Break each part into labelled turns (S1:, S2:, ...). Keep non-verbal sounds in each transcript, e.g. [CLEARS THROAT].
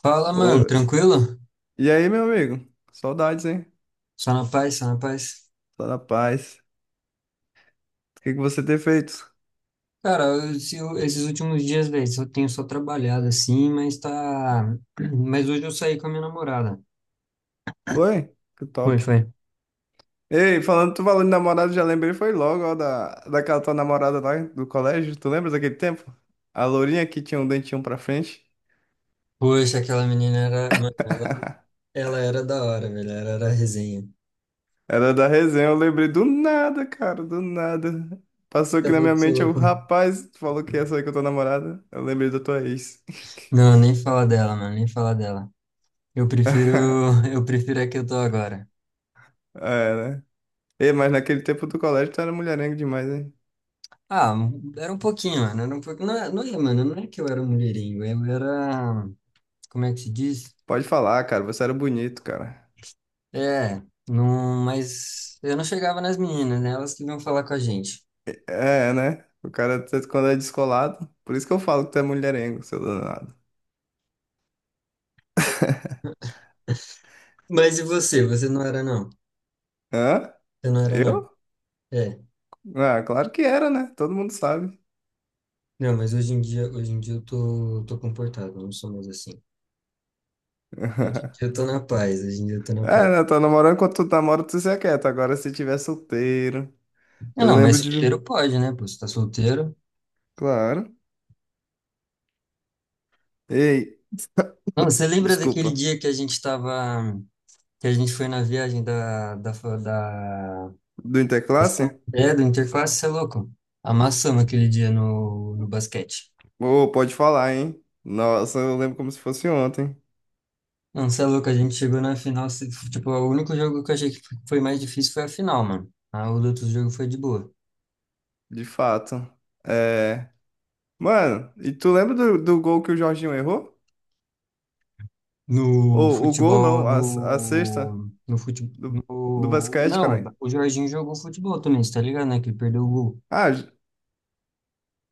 S1: Fala, mano,
S2: Ô,
S1: tranquilo?
S2: e aí, meu amigo? Saudades, hein?
S1: Só na paz, só na paz.
S2: Só na paz. O que que você tem feito?
S1: Cara, eu- se eu- esses últimos dias, velho, eu tenho só trabalhado assim, mas tá. [CLEARS THROAT] Mas hoje eu saí com a minha namorada.
S2: Foi? Que
S1: Foi,
S2: top.
S1: foi.
S2: Ei, falando, tu falando de namorado, já lembrei, foi logo, ó, daquela tua namorada lá do colégio. Tu lembra daquele tempo? A lourinha que tinha um dentinho pra frente.
S1: Poxa, aquela menina era. Mano, ela,
S2: [LAUGHS]
S1: ela era da hora, velho. Ela era resenha.
S2: Era da resenha, eu lembrei do nada, cara, do nada. Passou
S1: Você é
S2: aqui na minha
S1: louco, você é
S2: mente, eu,
S1: louco.
S2: rapaz, tu falou que ia sair com a tua namorada. Eu lembrei da tua ex.
S1: Não, nem fala dela, mano, nem fala dela. Eu prefiro.
S2: [LAUGHS]
S1: [LAUGHS] Eu prefiro a que eu tô agora.
S2: É, né? Ei, mas naquele tempo do colégio tu era mulherengo demais, hein?
S1: Ah, era um pouquinho, mano. Era um pouquinho. Não, não é, mano, não é que eu era um mulherengo, eu era. Como é que se diz?
S2: Pode falar, cara. Você era bonito, cara.
S1: É, não, mas eu não chegava nas meninas, né? Elas que vinham falar com a gente.
S2: É, né? O cara, quando é descolado, por isso que eu falo que tu é mulherengo, seu danado. [LAUGHS]
S1: Mas e você? Você não era, não?
S2: Hã?
S1: Você não era, não?
S2: Eu?
S1: É.
S2: Ah, claro que era, né? Todo mundo sabe.
S1: Não, mas hoje em dia eu tô comportado, eu não sou mais assim. Hoje em dia eu
S2: [LAUGHS]
S1: tô na paz, hoje em dia eu tô na paz.
S2: É, né? Tá namorando quando tu namora, tu se aquieta. Agora, se tiver solteiro.
S1: Não,
S2: Eu
S1: não, mas
S2: lembro de.
S1: solteiro pode, né? Pô, você tá solteiro.
S2: Claro. Ei,
S1: Não, você lembra daquele
S2: desculpa.
S1: dia que a gente tava, que a gente foi na viagem da, da, fa- da,
S2: Do Interclasse?
S1: é, do Interface, você é louco? Amassamos aquele dia no basquete.
S2: Ô, pode falar, hein? Nossa, eu lembro como se fosse ontem.
S1: Não, você é louco, a gente chegou na final, tipo, o único jogo que eu achei que foi mais difícil foi a final, mano. Ah, o outro jogo foi de boa.
S2: De fato. É. Mano, e tu lembra do gol que o Jorginho errou?
S1: No
S2: Ou o gol
S1: futebol,
S2: não, a sexta
S1: no, no futebol,
S2: do, do
S1: no,
S2: basquete, caralho.
S1: não, o Jorginho jogou futebol também, você tá ligado, né, que ele perdeu o gol.
S2: Ah, j-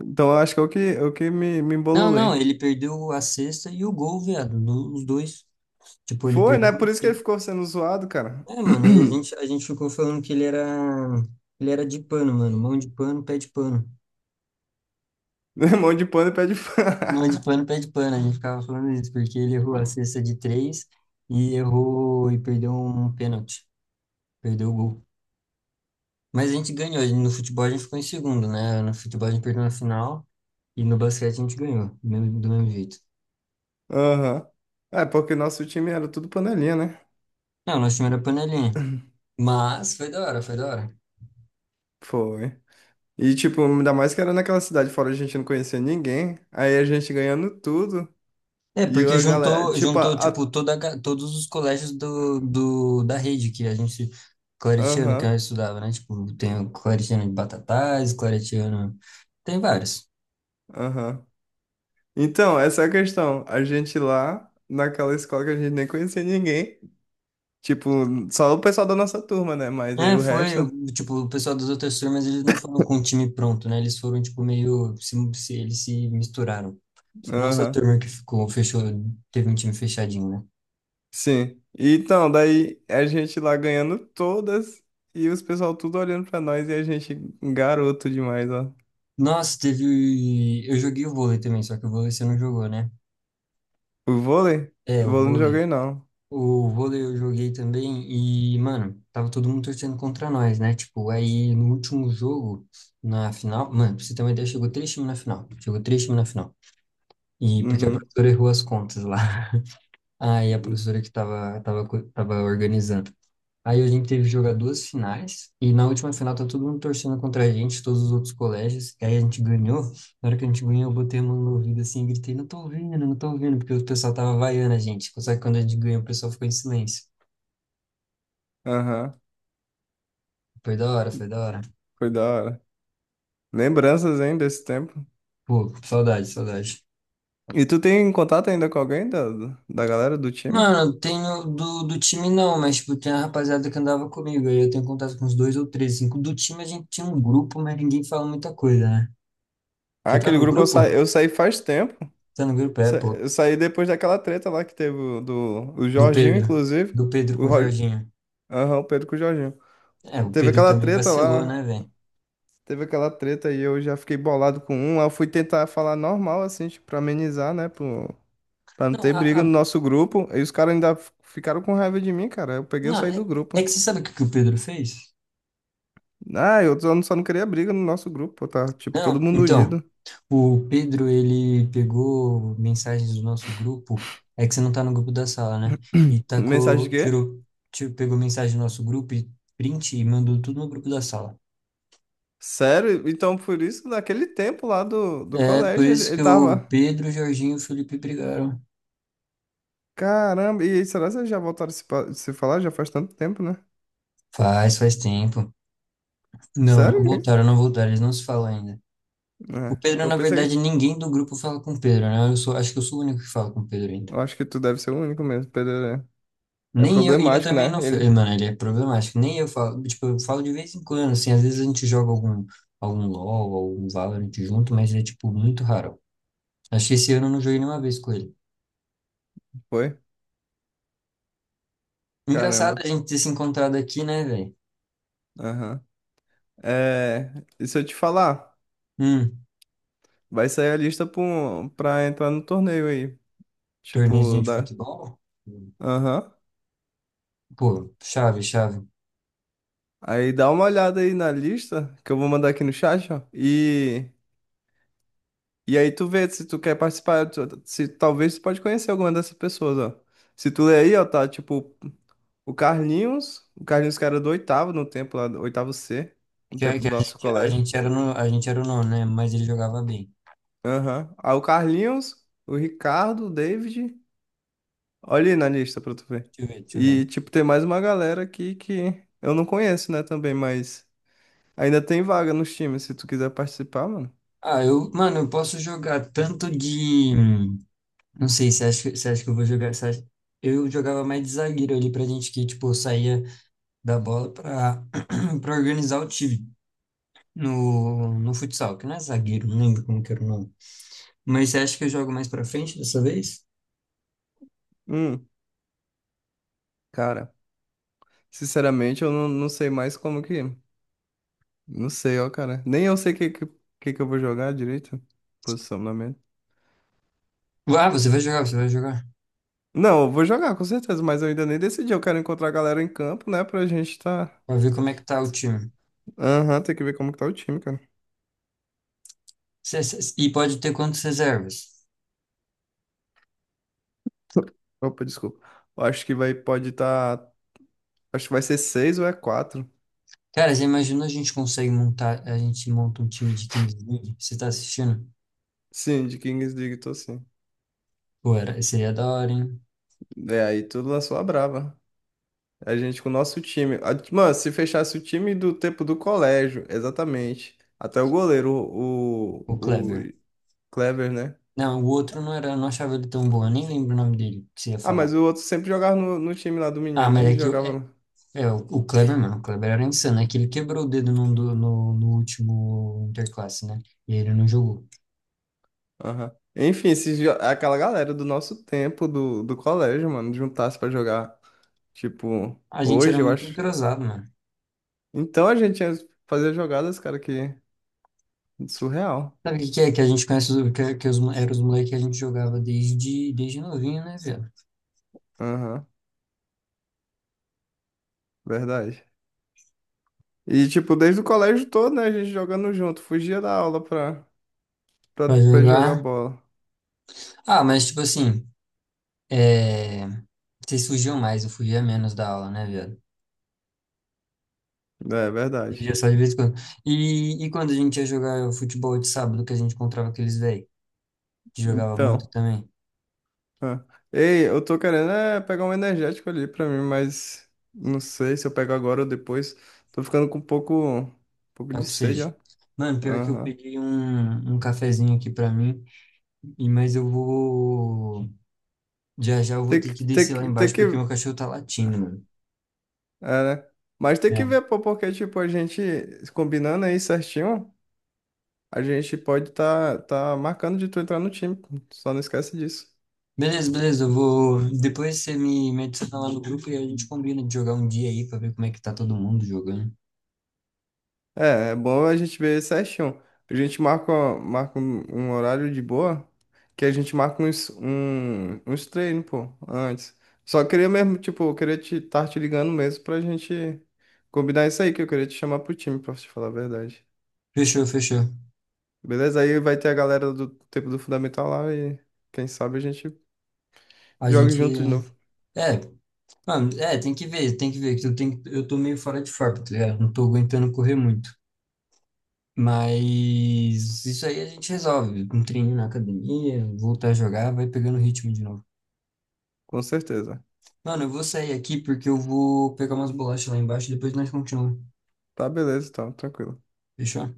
S2: então eu acho que é é o me
S1: Não, não,
S2: embololei.
S1: ele perdeu a cesta e o gol, viado, os dois. Tipo, ele
S2: Foi,
S1: perdeu,
S2: né? Por isso que ele
S1: ele,
S2: ficou sendo zoado, cara.
S1: mano, e a
S2: [CLEARS THROAT]
S1: gente, a gente ficou falando que ele era de pano, mano, mão de pano, pé de pano.
S2: Mão de pano e pé de
S1: Bola de
S2: pano.
S1: pano, pé de pano, a gente ficava falando isso, porque ele errou a cesta de três e errou e perdeu um pênalti, perdeu o gol. Mas a gente ganhou, no futebol a gente ficou em segundo, né? No futebol a gente perdeu na final e no basquete a gente ganhou, do mesmo jeito.
S2: [LAUGHS] Aham. É, porque nosso time era tudo panelinha, né?
S1: Não, nosso time era panelinha, mas foi da hora, foi da hora.
S2: Foi. E, tipo, ainda mais que era naquela cidade fora, a gente não conhecia ninguém. Aí a gente ganhando tudo.
S1: É,
S2: E
S1: porque
S2: a galera,
S1: juntou,
S2: tipo,
S1: juntou tipo, todos os colégios da rede que a gente. Claretiano que
S2: aham,
S1: eu estudava, né? Tipo, tem o Claretiano de Batatais, Claretiano, tem vários.
S2: aham. Então, essa é a questão. A gente lá, naquela escola que a gente nem conhecia ninguém. Tipo, só o pessoal da nossa turma, né? Mas aí
S1: É,
S2: o
S1: foi,
S2: resto.
S1: tipo, o pessoal das outras turmas, eles não foram com o time pronto, né? Eles foram, tipo, meio, eles se misturaram. Foi a nossa
S2: Aham.
S1: turma que ficou, fechou, teve um time fechadinho, né?
S2: Sim. E então, daí a gente lá ganhando todas e os pessoal tudo olhando pra nós e a gente garoto demais, ó.
S1: Nossa, teve, eu joguei o vôlei também, só que o vôlei você não jogou, né?
S2: O vôlei?
S1: É,
S2: O
S1: o
S2: vôlei não
S1: vôlei.
S2: joguei, não.
S1: O vôlei eu joguei também e, mano, tava todo mundo torcendo contra nós, né? Tipo, aí no último jogo, na final, mano, pra você ter uma ideia, chegou três times na final. Chegou três times na final. E porque a
S2: Uhum.
S1: professora errou as contas lá. Aí a professora que estava tava, tava co- tava organizando. Aí a gente teve que jogar duas finais, e na última final tá todo mundo torcendo contra a gente, todos os outros colégios, e aí a gente ganhou. Na hora que a gente ganhou, eu botei a mão no ouvido assim, e gritei, não tô vendo, não tô vendo, porque o pessoal tava vaiando a gente. Só que quando a gente ganhou, o pessoal ficou em silêncio.
S2: Aham.
S1: Foi da hora, foi da hora.
S2: Foi da hora. Lembranças, hein, desse tempo.
S1: Pô, saudade, saudade.
S2: E tu tem contato ainda com alguém da galera do time?
S1: Mano, tenho do time não, mas tipo, tem a rapaziada que andava comigo, aí eu tenho contato com uns dois ou três, cinco. Do time a gente tinha um grupo, mas ninguém fala muita coisa, né?
S2: Ah,
S1: Você tá
S2: aquele
S1: no
S2: grupo
S1: grupo?
S2: eu saí faz tempo.
S1: Tá no grupo, é, pô.
S2: Eu saí depois daquela treta lá que teve o- do o
S1: Do
S2: Jorginho,
S1: Pedro.
S2: inclusive.
S1: Do Pedro com
S2: O,
S1: o
S2: Ro-
S1: Jorginho.
S2: Aham, o Pedro com o Jorginho.
S1: É, o
S2: Teve
S1: Pedro
S2: aquela
S1: também
S2: treta
S1: vacilou,
S2: lá.
S1: né, velho?
S2: Teve aquela treta e eu já fiquei bolado com um. Aí eu fui tentar falar normal, assim, tipo, pra amenizar, né? Pro... Pra não
S1: Não,
S2: ter briga no nosso grupo. E os caras ainda ficaram com raiva de mim, cara. Eu peguei e
S1: não
S2: saí do
S1: é, é
S2: grupo.
S1: que você sabe o que o Pedro fez?
S2: Ah, eu só não queria briga no nosso grupo, tá? Tipo, todo
S1: Não,
S2: mundo
S1: então,
S2: unido.
S1: o Pedro, ele pegou mensagens do nosso grupo. É que você não tá no grupo da sala, né? E
S2: Mensagem de
S1: tacou,
S2: quê?
S1: tirou, pegou mensagem do nosso grupo e print e mandou tudo no grupo da sala.
S2: Sério? Então, por isso, naquele tempo lá do
S1: É, por
S2: colégio,
S1: isso
S2: ele
S1: que o
S2: tava.
S1: Pedro, o Jorginho e o Felipe brigaram.
S2: Caramba, e aí, será que vocês já voltaram a se falar? Já faz tanto tempo, né?
S1: Faz, faz tempo. Não, não
S2: Sério? Hein?
S1: voltaram, não voltaram, eles não se falam ainda. O
S2: É,
S1: Pedro,
S2: eu
S1: na verdade,
S2: pensei,
S1: ninguém do grupo fala com o Pedro, né? Acho que eu sou o único que fala com o Pedro ainda.
S2: eu acho que tu deve ser o único mesmo, Pedro. É, é
S1: Nem eu, e eu
S2: problemático,
S1: também
S2: né?
S1: não,
S2: Ele
S1: mano, ele é problemático. Nem eu falo, tipo, eu falo de vez em quando, assim, às vezes a gente joga algum LoL, algum Valorant junto, mas é, tipo, muito raro. Acho que esse ano eu não joguei nenhuma vez com ele.
S2: foi?
S1: Engraçado
S2: Caramba.
S1: a gente ter se encontrado aqui, né, velho?
S2: Aham. É, e se eu te falar,
S1: Hum,
S2: vai sair a lista pra entrar no torneio aí.
S1: Torneiozinho
S2: Tipo,
S1: de
S2: da.
S1: futebol?
S2: Aham.
S1: Pô, chave, chave.
S2: Aí dá uma olhada aí na lista, que eu vou mandar aqui no chat, ó. E aí tu vê se tu quer participar, se talvez tu pode conhecer alguma dessas pessoas, ó. Se tu ler aí, ó, tá tipo. O Carlinhos que era do oitavo no tempo lá, do oitavo C, no
S1: Que, a-
S2: tempo
S1: que
S2: do nosso
S1: a
S2: colégio.
S1: gente era no, a gente era o nono, né? Mas ele jogava bem.
S2: Aham. Aí o Carlinhos, o Ricardo, o David. Olha aí na lista pra tu ver.
S1: Deixa eu ver, deixa eu ver.
S2: E, tipo, tem mais uma galera aqui que eu não conheço, né, também, mas ainda tem vaga nos times, se tu quiser participar, mano.
S1: Ah, eu, mano, eu posso jogar tanto de. Não sei, você acha, você acha que eu vou jogar. Eu jogava mais de zagueiro ali pra gente que, tipo, saía da bola pra, [CLEARS THROAT] pra organizar o time no futsal, que não é zagueiro, não lembro como que era o nome. Mas você acha que eu jogo mais pra frente dessa vez?
S2: Hum, cara, sinceramente, eu não, não sei mais como que. Não sei, ó, cara. Nem eu sei que eu vou jogar direito. Posicionamento.
S1: Ah, você vai jogar, você vai jogar.
S2: Não, eu vou jogar, com certeza, mas eu ainda nem decidi. Eu quero encontrar a galera em campo, né? Pra gente tá.
S1: Pra ver como é que tá o time.
S2: Aham, tem que ver como que tá o time, cara.
S1: E pode ter quantas reservas?
S2: Opa, desculpa. Eu acho que vai, pode tá. Acho que vai ser seis ou é quatro.
S1: Cara, você imagina a gente consegue montar, a gente monta um time de Kings League? Você tá assistindo?
S2: Sim, de Kings League, tô sim.
S1: Pô, seria da hora, hein?
S2: É, aí tu lançou a brava. A gente com o nosso time. Mano, se fechasse o time do tempo do colégio, exatamente. Até o goleiro,
S1: O Kleber.
S2: o Clever, né?
S1: Não, o outro não era, eu não achava ele tão bom, eu nem lembro o nome dele que você ia
S2: Ah,
S1: falar.
S2: mas o outro sempre jogava no time lá do
S1: Ah,
S2: menino,
S1: mas
S2: nem
S1: é que o, é,
S2: jogava.
S1: é, o o Kleber, mano, o Kleber era insano, é que ele quebrou o dedo no último Interclasse, né? E ele não jogou.
S2: Aham. Enfim, aquela galera do nosso tempo, do colégio, mano, juntasse pra jogar, tipo,
S1: A gente era
S2: hoje, eu
S1: muito
S2: acho.
S1: entrosado, mano.
S2: Então a gente ia fazer jogadas, cara, que surreal.
S1: Sabe o que que é? Que a gente conhece, eram os moleques que a gente jogava desde novinho, né, velho?
S2: Aham, verdade. E, tipo, desde o colégio todo, né, a gente jogando junto, fugia da aula
S1: Pra
S2: pra jogar
S1: jogar.
S2: bola.
S1: Ah, mas tipo assim, é, vocês fugiam mais, eu fugia menos da aula, né, velho?
S2: É,
S1: Ele já
S2: verdade.
S1: só de vez em quando. E quando a gente ia jogar futebol de sábado, que a gente encontrava aqueles velhos que jogava muito
S2: Então,
S1: também.
S2: ah. Ei, eu tô querendo é, pegar um energético ali pra mim, mas não sei se eu pego agora ou depois. Tô ficando com um pouco
S1: Tá
S2: de
S1: com
S2: sede, ó.
S1: sede. Mano, pior que eu
S2: Aham.
S1: peguei um cafezinho aqui pra mim, e mas eu vou. Já já eu vou ter que descer lá
S2: Tem
S1: embaixo
S2: que,
S1: porque meu cachorro tá latindo, mano.
S2: é, né? Mas tem que
S1: É.
S2: ver, pô, porque, tipo, a gente combinando aí certinho, a gente pode tá marcando de tu entrar no time, pô. Só não esquece disso.
S1: Beleza, beleza, eu vou. Depois você me adiciona lá no grupo e a gente combina de jogar um dia aí pra ver como é que tá todo mundo jogando.
S2: É, é bom a gente ver certinho. A gente marca, Marca um horário de boa, que a gente marca uns treinos, pô, antes. Só queria mesmo, tipo, eu queria estar te ligando mesmo pra gente combinar isso aí, que eu queria te chamar pro time, pra te falar a verdade.
S1: Fechou, fechou.
S2: Beleza? Aí vai ter a galera do tempo do Fundamental lá e quem sabe a gente
S1: A
S2: joga
S1: gente.
S2: junto de novo.
S1: É, mano, tem que ver, eu tô meio fora de forma, tá ligado? Não tô aguentando correr muito. Mas isso aí a gente resolve. Um treininho na academia, voltar a jogar, vai pegando o ritmo de novo.
S2: Com certeza.
S1: Mano, eu vou sair aqui porque eu vou pegar umas bolachas lá embaixo e depois nós continuamos.
S2: Tá, beleza, então, tranquilo.
S1: Fechou?